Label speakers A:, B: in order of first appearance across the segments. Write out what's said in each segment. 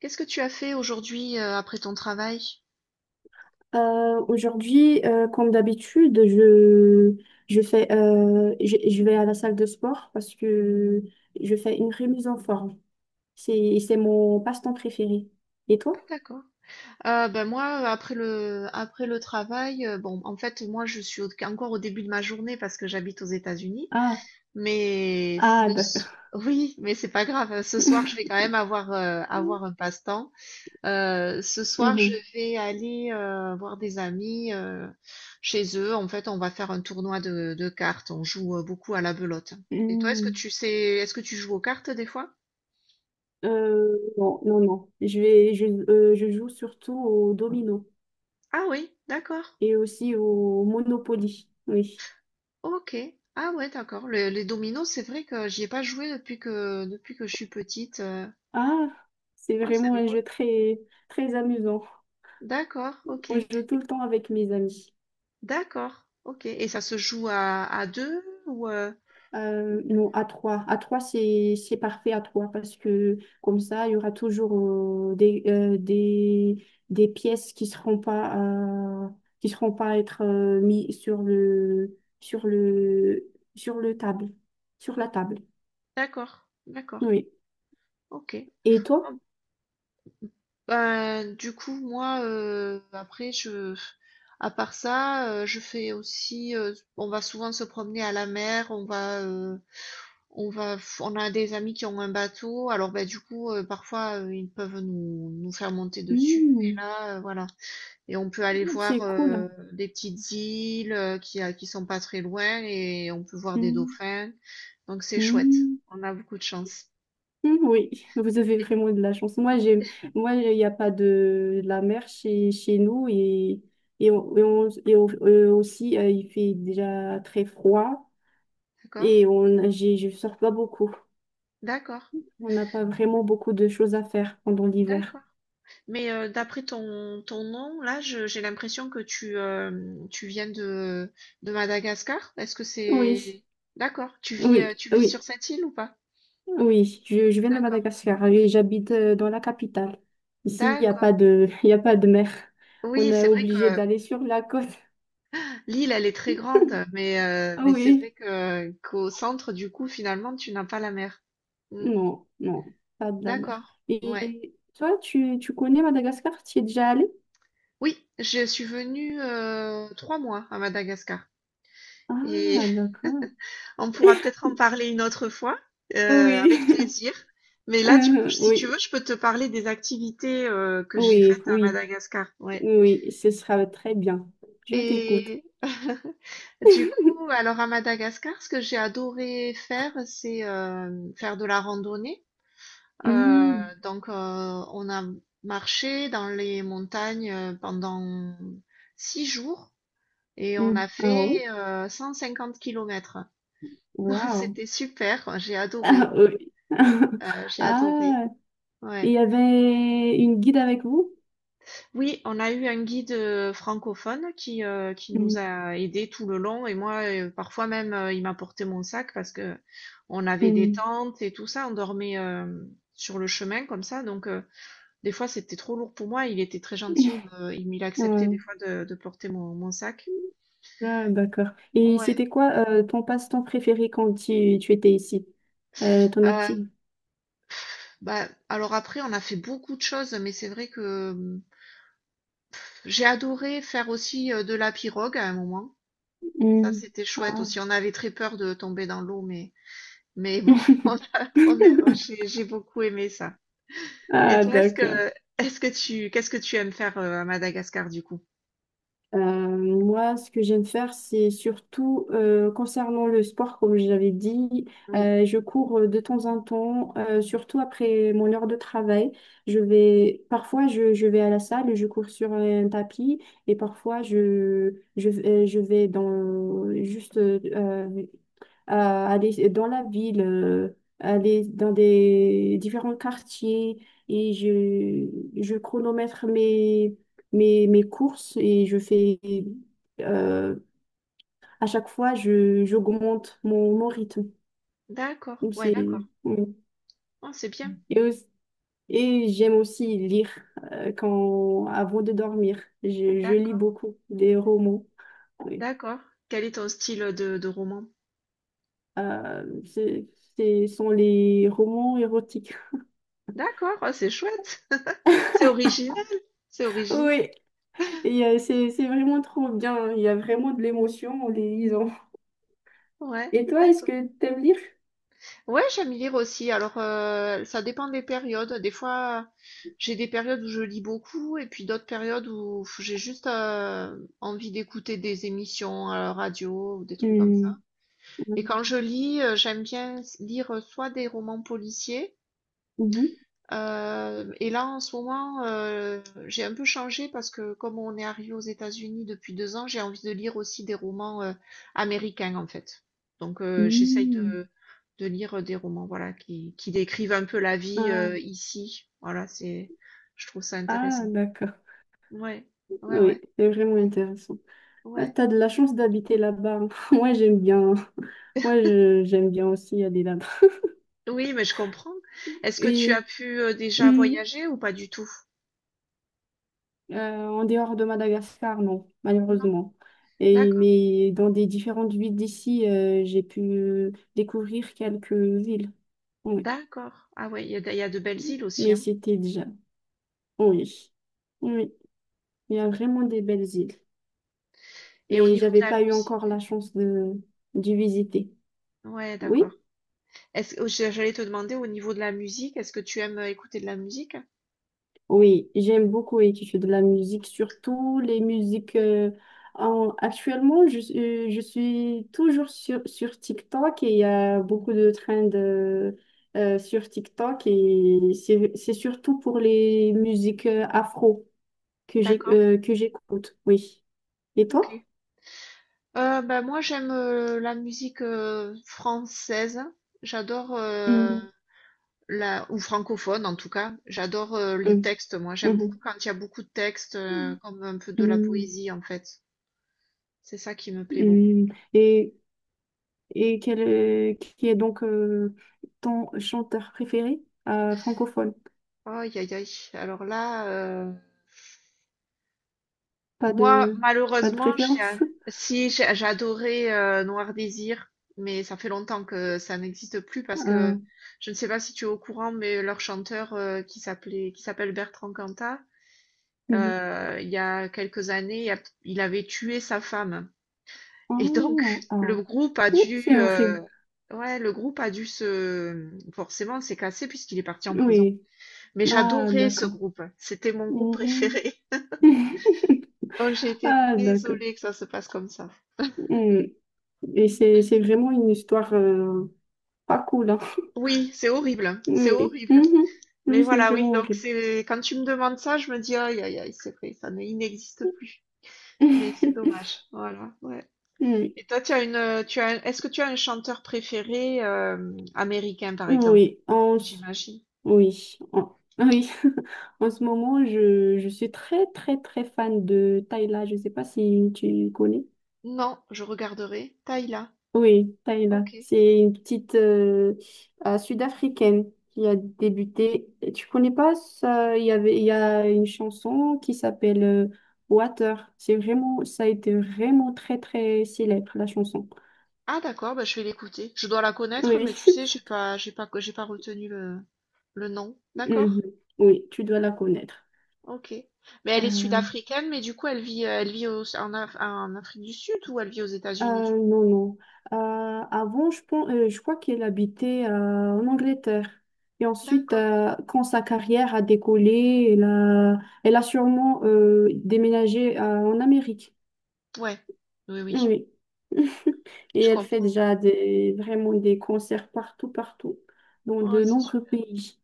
A: Qu'est-ce que tu as fait aujourd'hui après ton travail?
B: Aujourd'hui, comme d'habitude, je fais, je vais à la salle de sport parce que je fais une remise en forme. C'est mon passe-temps préféré. Et
A: Ah,
B: toi?
A: d'accord. Ben moi, après après le travail, bon, en fait, moi, je suis encore au début de ma journée parce que j'habite aux États-Unis.
B: Ah,
A: Mais
B: ah, d'accord.
A: oui, mais c'est pas grave, hein. Ce soir, je vais quand même avoir, avoir un passe-temps. Ce soir, je
B: Mhm.
A: vais aller voir des amis chez eux. En fait, on va faire un tournoi de cartes. On joue beaucoup à la belote. Et toi,
B: Mm.
A: est-ce que tu joues aux cartes des fois?
B: Non, non, non. Je joue surtout au domino
A: Ah oui, d'accord.
B: et aussi au Monopoly. Oui.
A: OK. Ah ouais, d'accord. Le les dominos, c'est vrai que j'y ai pas joué depuis que je suis petite.
B: Ah, c'est
A: Ouais, c'est
B: vraiment un
A: rigolo.
B: jeu très, très amusant.
A: D'accord,
B: On
A: OK.
B: joue tout le temps avec mes amis.
A: D'accord, OK, et ça se joue à deux ou?
B: Non, à trois. À trois, c'est parfait à trois parce que comme ça, il y aura toujours des, des pièces euh, qui seront pas à être mis sur le table sur la table.
A: D'accord, d'accord,
B: Oui.
A: OK.
B: Et toi?
A: Ah ben, du coup, moi, après je à part ça, je fais aussi, on va souvent se promener à la mer, On va, on a des amis qui ont un bateau, alors bah, du coup, parfois, ils peuvent nous faire monter dessus, et
B: Hmm,
A: là, voilà. Et on peut aller voir
B: c'est cool.
A: des petites îles qui sont pas très loin, et on peut voir des
B: Hmm,
A: dauphins, donc c'est chouette.
B: hmm.
A: On a beaucoup de chance.
B: Mm, oui, vous avez
A: Et-
B: vraiment de la chance. Moi, il n'y a pas de, de la mer chez, chez nous et, aussi, il fait déjà très froid
A: D'accord?
B: et je sors pas beaucoup.
A: D'accord,
B: On n'a pas vraiment beaucoup de choses à faire pendant l'hiver.
A: d'accord. Mais d'après ton nom, là, j'ai l'impression que tu viens de Madagascar. Est-ce que
B: Oui,
A: c'est? D'accord, tu vis,
B: oui,
A: sur
B: oui,
A: cette île ou pas?
B: oui. Je viens de
A: D'accord.
B: Madagascar et j'habite dans la capitale. Ici, il n'y a
A: D'accord.
B: pas de, il y a pas de mer. On
A: Oui,
B: est
A: c'est vrai que
B: obligé d'aller sur la côte.
A: l'île, elle est très grande,
B: Ah
A: mais c'est
B: oui.
A: vrai que qu'au centre, du coup, finalement, tu n'as pas la mer. Mm,
B: Non, non, pas de la mer.
A: d'accord. Ouais.
B: Et toi, tu connais Madagascar? Tu y es déjà allé?
A: Oui, je suis venue 3 mois à Madagascar. Et
B: Ah, d'accord.
A: on pourra peut-être en parler une autre fois, avec
B: Oui,
A: plaisir. Mais là, du coup,
B: euh,
A: si tu
B: oui,
A: veux, je peux te parler des activités que j'ai faites à
B: oui,
A: Madagascar. Ouais.
B: oui, ce sera très bien. Je t'écoute.
A: Et du coup, alors à Madagascar, ce que j'ai adoré faire, c'est faire de la randonnée. Euh,
B: Hmm,
A: donc, on a marché dans les montagnes pendant 6 jours et on
B: hmm.
A: a
B: Ah oui?
A: fait 150 kilomètres. Donc,
B: Waouh.
A: c'était super, j'ai
B: Ah
A: adoré,
B: oui.
A: euh, j'ai adoré.
B: Ah,
A: Ouais.
B: il y avait une guide avec vous?
A: Oui, on a eu un guide francophone qui nous
B: Hmm,
A: a aidés tout le long et moi, parfois même, il m'a porté mon sac parce que on avait des
B: hmm.
A: tentes et tout ça, on dormait sur le chemin comme ça, donc des fois c'était trop lourd pour moi, il était très gentil, il me- il- il acceptait des
B: Ouais.
A: fois de porter mon sac.
B: Ah, d'accord. Et
A: Ouais.
B: c'était quoi ton passe-temps préféré quand tu étais ici? Ton
A: Euh,
B: activité?
A: Bah, alors après, on a fait beaucoup de choses, mais c'est vrai que j'ai adoré faire aussi de la pirogue à un moment. Ça,
B: Hmm.
A: c'était chouette
B: Ah.
A: aussi. On avait très peur de tomber dans l'eau, mais bon, on a- on est- oh, j'ai beaucoup aimé ça. Et
B: Ah,
A: toi,
B: d'accord.
A: qu'est-ce que tu aimes faire à Madagascar du coup?
B: Moi, ce que j'aime faire, c'est surtout concernant le sport, comme je l'avais dit,
A: Oui,
B: je cours de temps en temps, surtout après mon heure de travail. Je vais, parfois, je vais à la salle, et je cours sur un tapis, et parfois, je vais dans juste à aller dans la ville, aller dans des différents quartiers et je chronomètre mes courses et je fais euh, à chaque fois j'augmente mon rythme.
A: d'accord,
B: Donc,
A: ouais,
B: c'est,
A: d'accord.
B: oui.
A: Oh, c'est bien,
B: et, aussi- et j'aime aussi lire avant de dormir. Je lis
A: d'accord,
B: beaucoup des romans. Oui.
A: d'accord. Quel est ton style de roman?
B: Euh, c'est- Ce sont les romans érotiques.
A: D'accord, oh, c'est chouette, c'est original, c'est original,
B: Oui. Et c'est vraiment trop bien. Il y a vraiment de l'émotion en les lisant.
A: ouais,
B: Et toi, est-ce
A: d'accord.
B: que t'aimes lire?
A: Ouais, j'aime lire aussi. Alors, ça dépend des périodes. Des fois, j'ai des périodes où je lis beaucoup et puis d'autres périodes où j'ai juste envie d'écouter des émissions à la radio ou des trucs comme ça.
B: Hmm.
A: Et quand je lis, j'aime bien lire soit des romans policiers,
B: Mhm.
A: et là, en ce moment, j'ai un peu changé parce que comme on est arrivé aux États-Unis depuis 2 ans, j'ai envie de lire aussi des romans américains en fait. Donc, j'essaye
B: Hmm.
A: de lire des romans, voilà, qui décrivent un peu la vie
B: Ah,
A: ici. Voilà, je trouve ça
B: ah,
A: intéressant.
B: d'accord.
A: Ouais, ouais, ouais,
B: Oui, c'est vraiment intéressant. Ah,
A: ouais.
B: t'as de la chance d'habiter là-bas, hein. Moi, j'aime bien, hein. J'aime bien aussi aller là-bas.
A: Oui, mais je comprends. Est-ce que tu as
B: Et
A: pu déjà
B: hmm,
A: voyager ou pas du tout?
B: En dehors de Madagascar, non,
A: Non?
B: malheureusement. Et,
A: D'accord.
B: mais dans des différentes villes d'ici, j'ai pu découvrir quelques villes. Oui,
A: D'accord. Ah ouais, il y a de belles îles aussi,
B: mais
A: hein.
B: c'était déjà. Oui, oui, oui. Il y a vraiment des belles îles,
A: Et au
B: mais
A: niveau de
B: j'avais
A: la
B: pas eu
A: musique?
B: encore la chance de, d'y visiter.
A: Ouais,
B: Oui,
A: d'accord. Est-ce que j'allais te demander au niveau de la musique, est-ce que tu aimes écouter de la musique?
B: oui, j'aime beaucoup écouter de la musique, surtout les musiques. Actuellement, je suis toujours sur, sur TikTok et il y a beaucoup de trends de sur TikTok et c'est surtout pour les musiques afro
A: D'accord,
B: que j'écoute. Oui. Et
A: ok.
B: toi?
A: Ben moi j'aime la musique française. J'adore,
B: Mm.
A: la, ou francophone en tout cas. J'adore les
B: Hum,
A: textes, moi. J'aime beaucoup
B: hum,
A: quand il y a beaucoup de textes, comme un peu de la
B: hum.
A: poésie en fait. C'est ça qui me plaît beaucoup.
B: Hum, et, qui est donc ton chanteur préféré francophone?
A: Aïe aïe aïe. Alors là,
B: Pas
A: moi
B: de, pas de
A: malheureusement,
B: préférence?
A: si j'ai adoré Noir Désir, mais ça fait longtemps que ça n'existe plus parce que
B: Euh,
A: je ne sais pas si tu es au courant, mais leur chanteur qui s'appelle Bertrand Cantat,
B: mhm.
A: il y a quelques années, il avait tué sa femme. Et donc,
B: Oh,
A: le
B: oh.
A: groupe a
B: Ouh,
A: dû,
B: c'est horrible.
A: ouais, le groupe a dû se, forcément, s'est cassé puisqu'il est parti en prison.
B: Oui.
A: Mais
B: Ah,
A: j'adorais ce
B: d'accord.
A: groupe. C'était mon groupe
B: Mhm.
A: préféré. Donc, j'ai été
B: Ah, d'accord.
A: désolée que ça se passe comme ça.
B: Mhm. Et c'est vraiment une histoire pas cool, hein.
A: Oui, c'est horrible, hein. C'est
B: Oui.
A: horrible.
B: Mhm.
A: Mais
B: Oui, c'est
A: voilà, oui.
B: vraiment
A: Donc,
B: horrible.
A: quand tu me demandes ça, je me dis, aïe, aïe, aïe, c'est vrai, ça ne, il n'existe plus. Mais c'est dommage. Voilà, ouais.
B: Mhm.
A: Et toi, tu as une, tu as, un- est-ce que tu as un chanteur préféré, américain, par exemple?
B: Oui. Oui.
A: J'imagine.
B: Oui, en, oui. En ce moment, je suis très, très, très fan de Tayla. Je ne sais pas si tu connais.
A: Non, je regarderai. Taïla.
B: Oui, Tayla.
A: OK.
B: C'est une petite sud-africaine qui a débuté. Tu connais pas ça? Il y avait, il y a une chanson qui s'appelle Water. C'est vraiment, ça a été vraiment très, très célèbre, la chanson.
A: Ah d'accord, bah, je vais l'écouter. Je dois la connaître,
B: Oui,
A: mais tu sais, j'ai pas retenu le nom. D'accord.
B: mhm. Oui, tu dois la connaître.
A: OK. Mais elle est
B: Euh,
A: sud-africaine, mais du coup, elle vit en Afrique du Sud ou elle vit aux États-Unis du
B: Euh,
A: coup?
B: non, non. Euh, Avant, je pense, je crois qu'elle habitait en Angleterre. Et ensuite,
A: D'accord.
B: quand sa carrière a décollé, elle a sûrement déménagé en Amérique.
A: Ouais. Oui, oui.
B: Oui. Et
A: Je
B: elle fait
A: comprends.
B: déjà des, vraiment des concerts partout, partout, dans
A: Ouais,
B: de
A: c'est
B: nombreux
A: super.
B: pays.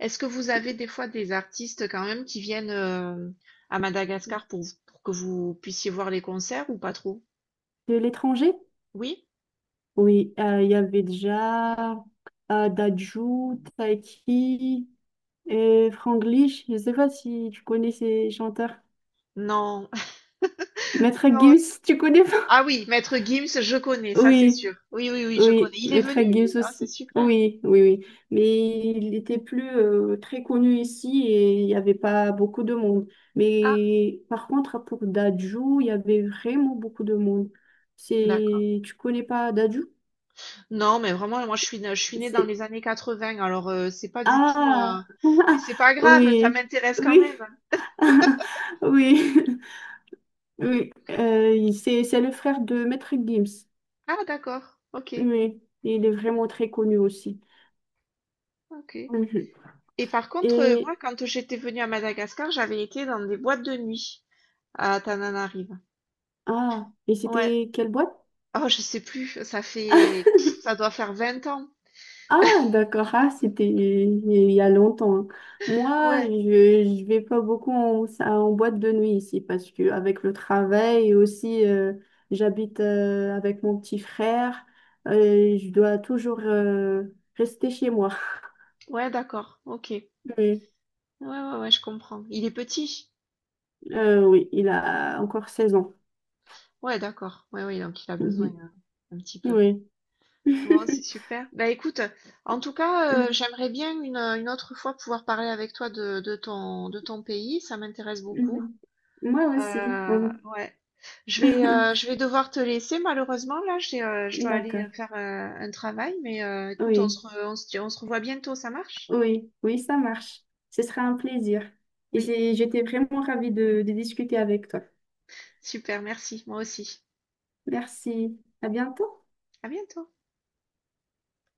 A: Est-ce que vous avez des fois des artistes quand même qui viennent à Madagascar pour que vous puissiez voir les concerts ou pas trop?
B: De l'étranger?
A: Oui?
B: Oui, il y avait déjà Dadju, Taiki et Franglish. Je ne sais pas si tu connais ces chanteurs.
A: Non.
B: Maître
A: Non,
B: Gims, tu connais pas?
A: ah oui, Maître Gims, je connais, ça c'est
B: Oui,
A: sûr. Oui, oui, oui, je
B: oui,
A: connais. Il est
B: Maître
A: venu,
B: Gims
A: lui. Ah, c'est
B: aussi.
A: super.
B: Oui, oui, oui. Mais il était plus très connu ici et il n'y avait pas beaucoup de monde.
A: Ah,
B: Mais par contre, pour Dadju, il y avait vraiment beaucoup de monde.
A: d'accord.
B: C'est... Tu connais pas Dadju?
A: Non, mais vraiment, moi, je suis née dans
B: C'est...
A: les années 80, alors c'est pas du tout,
B: Ah!
A: mais c'est pas grave, ça
B: Oui,
A: m'intéresse quand
B: oui,
A: même.
B: oui, oui. C'est le frère de Maître Gims.
A: Ah, d'accord. Ok,
B: Oui, il est vraiment très connu aussi.
A: ok.
B: Mhm.
A: Et par contre, moi,
B: Et,
A: quand j'étais venue à Madagascar, j'avais été dans des boîtes de nuit à Tananarive.
B: ah, et
A: Ouais.
B: c'était quelle boîte?
A: Oh, je sais plus. Ça fait, ça doit faire 20 ans.
B: Ah, d'accord, ah, c'était il y a longtemps.
A: Ouais.
B: Je vais pas beaucoup en, en boîte de nuit ici parce que avec le travail et aussi, j'habite avec mon petit frère et je dois toujours rester chez moi.
A: Ouais, d'accord. Ok. Ouais,
B: Oui,
A: ouais, ouais, je comprends. Il est petit.
B: oui, il a encore 16 ans.
A: Ouais, d'accord. Ouais, ouais, donc il a besoin
B: Mhm.
A: un petit peu.
B: Oui.
A: Bon, c'est super. Bah écoute, en tout cas, j'aimerais bien une autre fois pouvoir parler avec toi de ton pays. Ça m'intéresse beaucoup.
B: Mhm. Moi aussi.
A: Ouais. Je vais, euh, je vais devoir te laisser malheureusement. Là, je dois aller
B: D'accord.
A: faire un travail. Mais écoute, on se,
B: Oui.
A: re- on se revoit bientôt. Ça marche?
B: Oui, oui, ça marche. Ce sera un plaisir.
A: Oui.
B: J'étais vraiment ravie de discuter avec toi.
A: Super, merci. Moi aussi.
B: Merci. À bientôt.
A: À bientôt.